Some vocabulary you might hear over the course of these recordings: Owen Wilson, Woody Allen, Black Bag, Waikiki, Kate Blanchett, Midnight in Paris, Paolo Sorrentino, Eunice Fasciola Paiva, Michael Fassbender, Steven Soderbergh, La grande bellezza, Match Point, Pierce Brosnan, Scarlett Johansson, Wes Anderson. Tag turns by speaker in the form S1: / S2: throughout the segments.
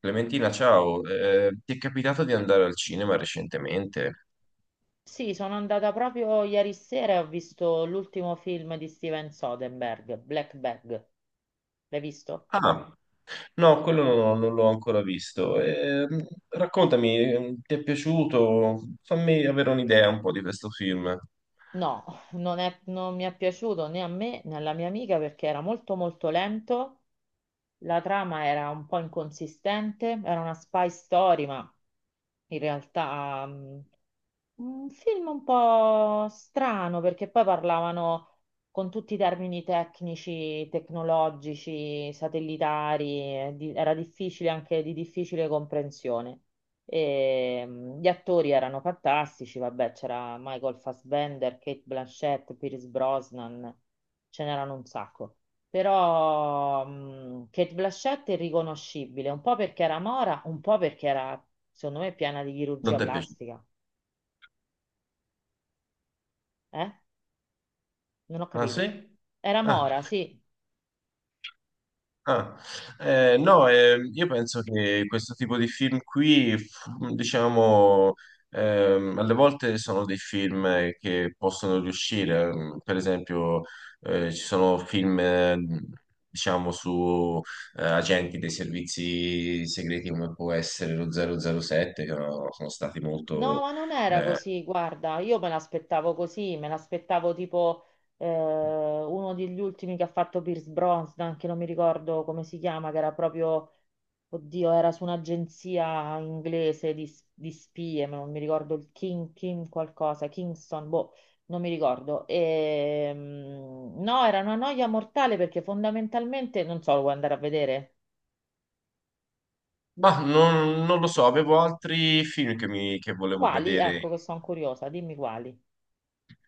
S1: Clementina, ciao. Ti è capitato di andare al cinema recentemente?
S2: Sì, sono andata proprio ieri sera e ho visto l'ultimo film di Steven Soderbergh, Black Bag. L'hai visto?
S1: Ah, no, quello non, ho- non l'ho ancora visto. Raccontami, ti è piaciuto? Fammi avere un'idea un po' di questo film.
S2: No, non mi è piaciuto né a me né alla mia amica perché era molto molto lento, la trama era un po' inconsistente, era una spy story, ma in realtà un film un po' strano perché poi parlavano con tutti i termini tecnici, tecnologici, satellitari, era difficile anche di difficile comprensione. Gli attori erano fantastici, vabbè, c'era Michael Fassbender, Kate Blanchett, Pierce Brosnan, ce n'erano un sacco. Però Kate Blanchett è riconoscibile, un po' perché era mora, un po' perché era, secondo me, piena di
S1: Non
S2: chirurgia
S1: ti è piaciuto?
S2: plastica. Eh? Non ho
S1: Ah,
S2: capito.
S1: sì?
S2: Era
S1: Ah,
S2: mora, sì.
S1: ah, no, io penso che questo tipo di film, diciamo, alle volte sono dei film che possono riuscire. Mm, per esempio, ci sono film, diciamo, su agenti dei servizi segreti come può essere lo 007, che no, sono stati
S2: No,
S1: molto...
S2: ma non era
S1: eh,
S2: così, guarda, io me l'aspettavo così, me l'aspettavo tipo uno degli ultimi che ha fatto Pierce Brosnan, che non mi ricordo come si chiama, che era proprio, oddio, era su un'agenzia inglese di spie, ma non mi ricordo il King, King qualcosa, Kingston, boh, non mi ricordo. No, era una noia mortale perché fondamentalmente, non so, lo vuoi andare a vedere?
S1: ma non lo so, avevo altri film che volevo
S2: Quali? Ecco
S1: vedere.
S2: che sono curiosa, dimmi quali.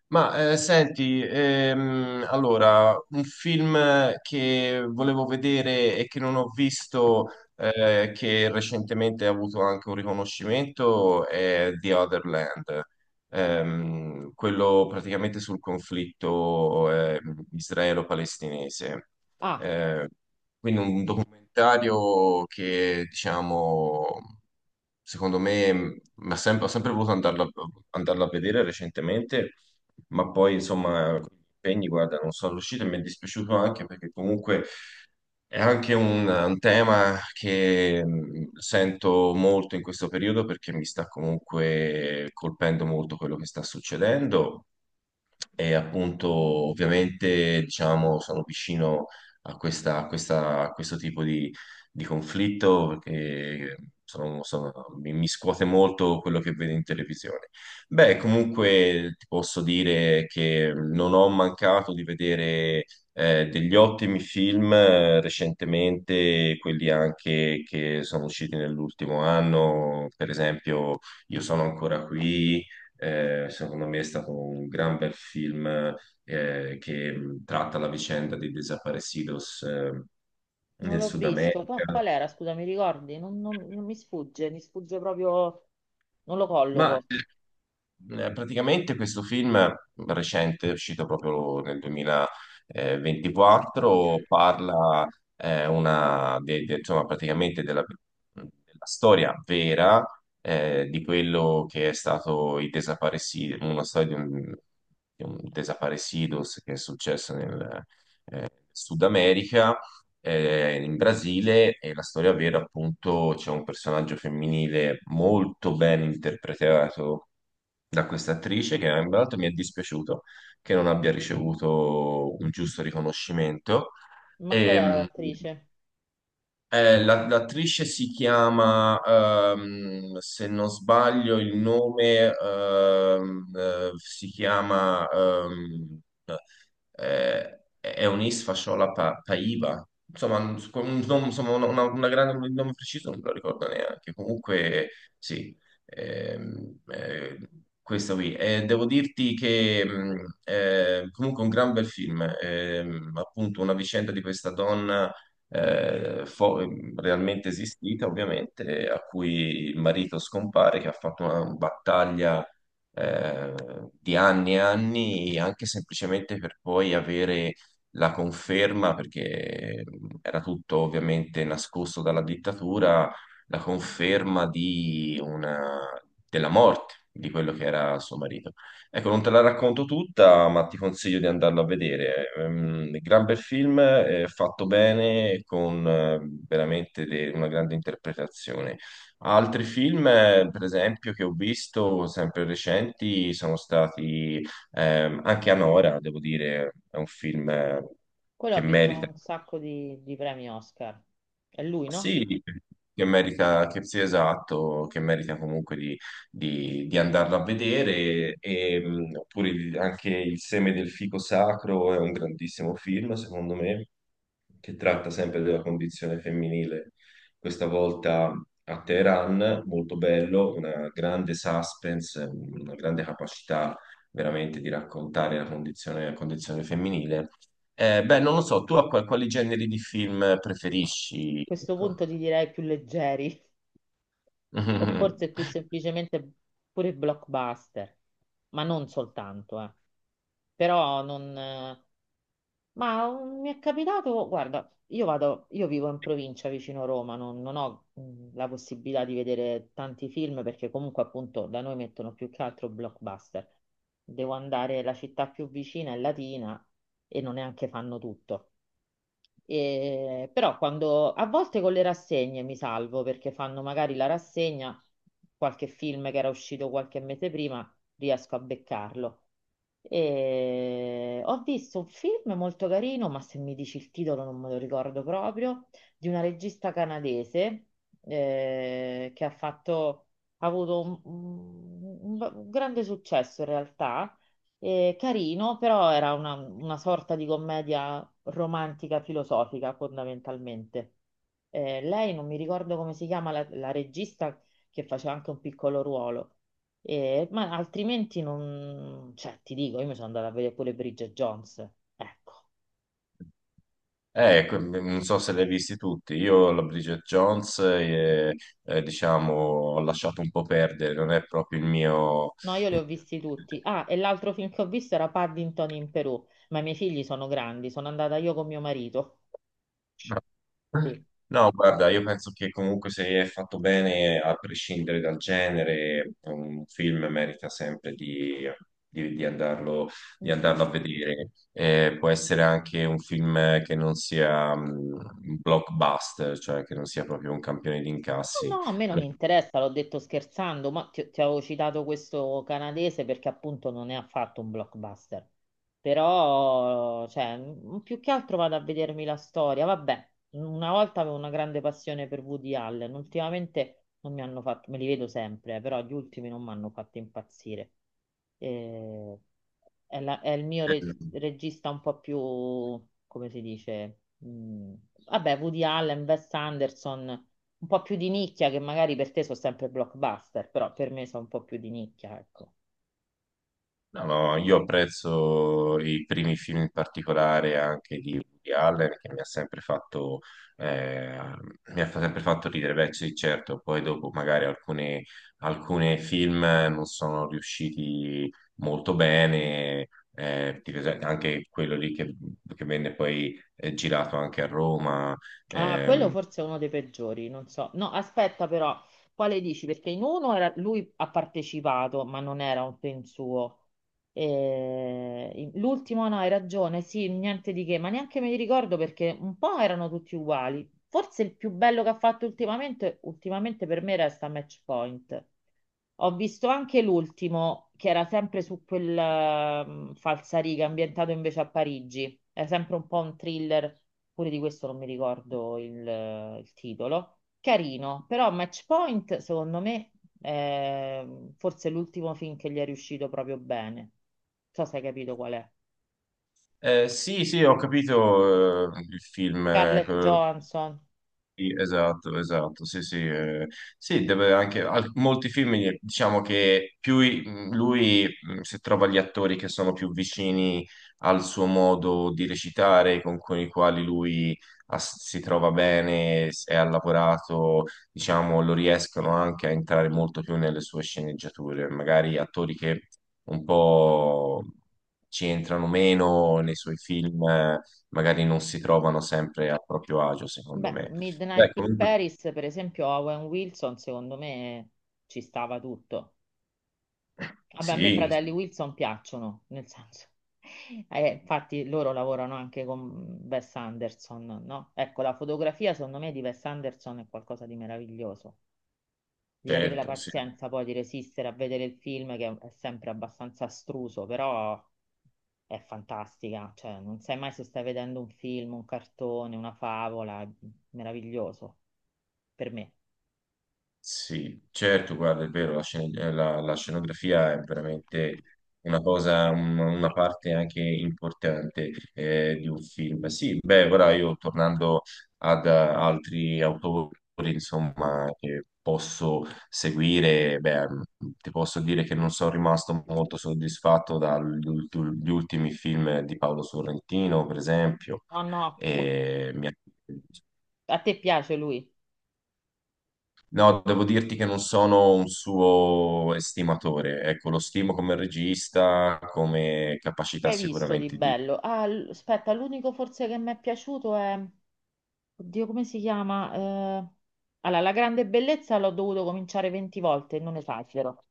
S1: Senti, allora, un film che volevo vedere e che non ho visto, che recentemente ha avuto anche un riconoscimento, è The Other Land. Quello praticamente sul conflitto israelo-palestinese.
S2: Ah,
S1: Eh, quindi un documentario che, diciamo, secondo me, ho sempre voluto andarla a vedere recentemente, ma poi insomma con gli impegni, guarda, non sono riuscito e mi è dispiaciuto anche perché comunque è anche un tema che sento molto in questo periodo perché mi sta comunque colpendo molto quello che sta succedendo. E appunto, ovviamente, diciamo, sono vicino a a questo tipo di conflitto perché sono- sono- mi, mi scuote molto quello che vedo in televisione. Beh, comunque ti posso dire che non ho mancato di vedere degli ottimi film recentemente, quelli anche che sono usciti nell'ultimo anno, per esempio Io sono ancora qui. Secondo me è stato un gran bel film che tratta la vicenda dei desaparecidos
S2: non
S1: nel
S2: l'ho
S1: Sud
S2: visto.
S1: America.
S2: Qual era? Scusa, mi ricordi? Non mi sfugge, mi sfugge proprio, non lo
S1: Ma
S2: colloco.
S1: eh, Praticamente questo film recente, uscito proprio nel 2024, parla insomma, praticamente della storia vera di quello che è stato il desaparecido, una storia di un desaparecidos che è successo nel Sud America, in Brasile, e la storia vera appunto c'è un personaggio femminile molto ben interpretato da questa attrice che tra l'altro mi è dispiaciuto che non abbia ricevuto un giusto riconoscimento.
S2: Ma qual era
S1: Ehm,
S2: l'attrice?
S1: l'attrice si chiama, se non sbaglio, il nome si chiama è Paiva. Insomma, insomma, una grande, un nome preciso non me lo ricordo neanche. Comunque, sì, ehm, eh, questo qui. Devo dirti che comunque un gran bel film, appunto una vicenda di questa donna eh, fo- realmente esistita, ovviamente, a cui il marito scompare, che ha fatto una battaglia eh, di anni e anni, anche semplicemente per poi avere la conferma, perché era tutto ovviamente nascosto dalla dittatura, la conferma della morte di quello che era suo marito. Ecco, non te la racconto tutta, ma ti consiglio di andarlo a vedere. Gran bel film, fatto bene, con una grande interpretazione. Altri film, per esempio, che ho visto sempre recenti sono stati anche Anora, devo dire, è un film
S2: Quello ha
S1: che
S2: vinto
S1: merita,
S2: un sacco di premi Oscar. È lui, no?
S1: sì, che merita, che sia esatto, che merita comunque di andarlo a vedere, e, oppure anche Il seme del fico sacro è un grandissimo film, secondo me, che tratta sempre della condizione femminile, questa volta a Teheran, molto bello, una grande suspense, una grande capacità veramente di raccontare la condizione femminile. Beh, non lo so, tu a quali generi di film
S2: Boh, a
S1: preferisci?
S2: questo
S1: Ecco.
S2: punto ti direi più leggeri, o forse più semplicemente pure blockbuster, ma non soltanto, eh. Però non, mi è capitato, guarda, io vado, io vivo in provincia vicino Roma, non ho la possibilità di vedere tanti film perché comunque appunto da noi mettono più che altro blockbuster. Devo andare, la città più vicina è Latina e non neanche fanno tutto. Però quando a volte con le rassegne mi salvo perché fanno magari la rassegna, qualche film che era uscito qualche mese prima, riesco a beccarlo. E ho visto un film molto carino, ma se mi dici il titolo non me lo ricordo proprio, di una regista canadese eh, che ha fatto, ha avuto un un grande successo in realtà, carino, però era una sorta di commedia romantica filosofica fondamentalmente. Lei non mi ricordo come si chiama la regista che faceva anche un piccolo ruolo. Ma altrimenti non... cioè ti dico, io mi sono andata a vedere pure Bridget Jones, ecco.
S1: Ecco, non so se li hai visti tutti. Io la Bridget Jones, diciamo, ho lasciato un po' perdere, non è proprio il mio...
S2: No, io li
S1: il
S2: ho
S1: mio-
S2: visti tutti. Ah, e l'altro film che ho visto era Paddington in Perù, ma i miei figli sono grandi, sono andata io con mio marito.
S1: No, guarda, io penso che comunque se è fatto bene, a prescindere dal genere, un film merita sempre di, di- di andarlo,
S2: Sì.
S1: di andarlo a vedere. Può essere anche un film che non sia un blockbuster, cioè che non sia proprio un campione di
S2: No,
S1: incassi.
S2: no, a me non interessa, l'ho detto scherzando, ma ti avevo citato questo canadese perché appunto non è affatto un blockbuster. Però, cioè, più che altro vado a vedermi la storia. Vabbè, una volta avevo una grande passione per Woody Allen, ultimamente non mi hanno fatto, me li vedo sempre, però gli ultimi non mi hanno fatto impazzire. Eh, è il mio regista un po' più, come si dice, vabbè, Woody Allen, Wes Anderson un po' più di nicchia, che magari per te sono sempre blockbuster, però per me sono un po' più di nicchia, ecco.
S1: No, no, io apprezzo i primi film in particolare anche di Woody Allen che mi ha sempre fatto, eh, sempre fatto ridere, beh sì, certo, poi dopo magari alcune film non sono riusciti molto bene, anche quello lì che venne poi girato anche a Roma.
S2: Ah, quello
S1: Ehm.
S2: forse è uno dei peggiori, non so. No, aspetta però, quale dici? Perché in uno lui ha partecipato, ma non era un film suo. L'ultimo no, hai ragione, sì, niente di che, ma neanche me li ricordo perché un po' erano tutti uguali. Forse il più bello che ha fatto ultimamente, ultimamente per me resta Match Point. Ho visto anche l'ultimo, che era sempre su quel falsariga, ambientato invece a Parigi. È sempre un po' un thriller, pure di questo non mi ricordo il titolo. Carino, però Match Point, secondo me, è forse l'ultimo film che gli è riuscito proprio bene. Non so se hai capito qual è.
S1: Sì, sì, ho capito, il film,
S2: Scarlett Johansson.
S1: sì, esatto, esatto, sì, sì, sì, deve anche, molti film, diciamo che più lui, se trova gli attori che sono più vicini al suo modo di recitare, con i quali lui si trova bene, e ha lavorato, diciamo, lo riescono anche a entrare molto più nelle sue sceneggiature, magari attori che un po' ci entrano meno nei suoi film, magari non si trovano sempre a proprio agio, secondo
S2: Beh,
S1: me.
S2: Midnight
S1: Beh,
S2: in
S1: comunque,
S2: Paris, per esempio, Owen Wilson, secondo me ci stava tutto. Vabbè, a me i
S1: sì,
S2: fratelli
S1: sì,
S2: Wilson piacciono, nel senso, infatti loro lavorano anche con Wes Anderson, no? Ecco, la fotografia secondo me di Wes Anderson è qualcosa di meraviglioso. Di avere la
S1: certo, sì,
S2: pazienza poi di resistere a vedere il film che è sempre abbastanza astruso, però è fantastica, cioè non sai mai se stai vedendo un film, un cartone, una favola, è meraviglioso per me.
S1: sì, certo, guarda, è vero, la scenografia è veramente una cosa, una parte anche importante di un film. Sì, beh, ora io tornando ad altri autori, insomma, che posso seguire, beh, ti posso dire che non sono rimasto molto soddisfatto dagli gli ultimi film di Paolo Sorrentino, per esempio.
S2: No, no,
S1: E mi ha
S2: a te piace lui?
S1: no, devo dirti che non sono un suo estimatore. Ecco, lo stimo come regista, come
S2: Che
S1: capacità
S2: hai visto di
S1: sicuramente
S2: bello? Ah, aspetta, l'unico forse che mi è piaciuto è... Oddio, come si chiama? Allora, La grande bellezza l'ho dovuto cominciare 20 volte, non esagero.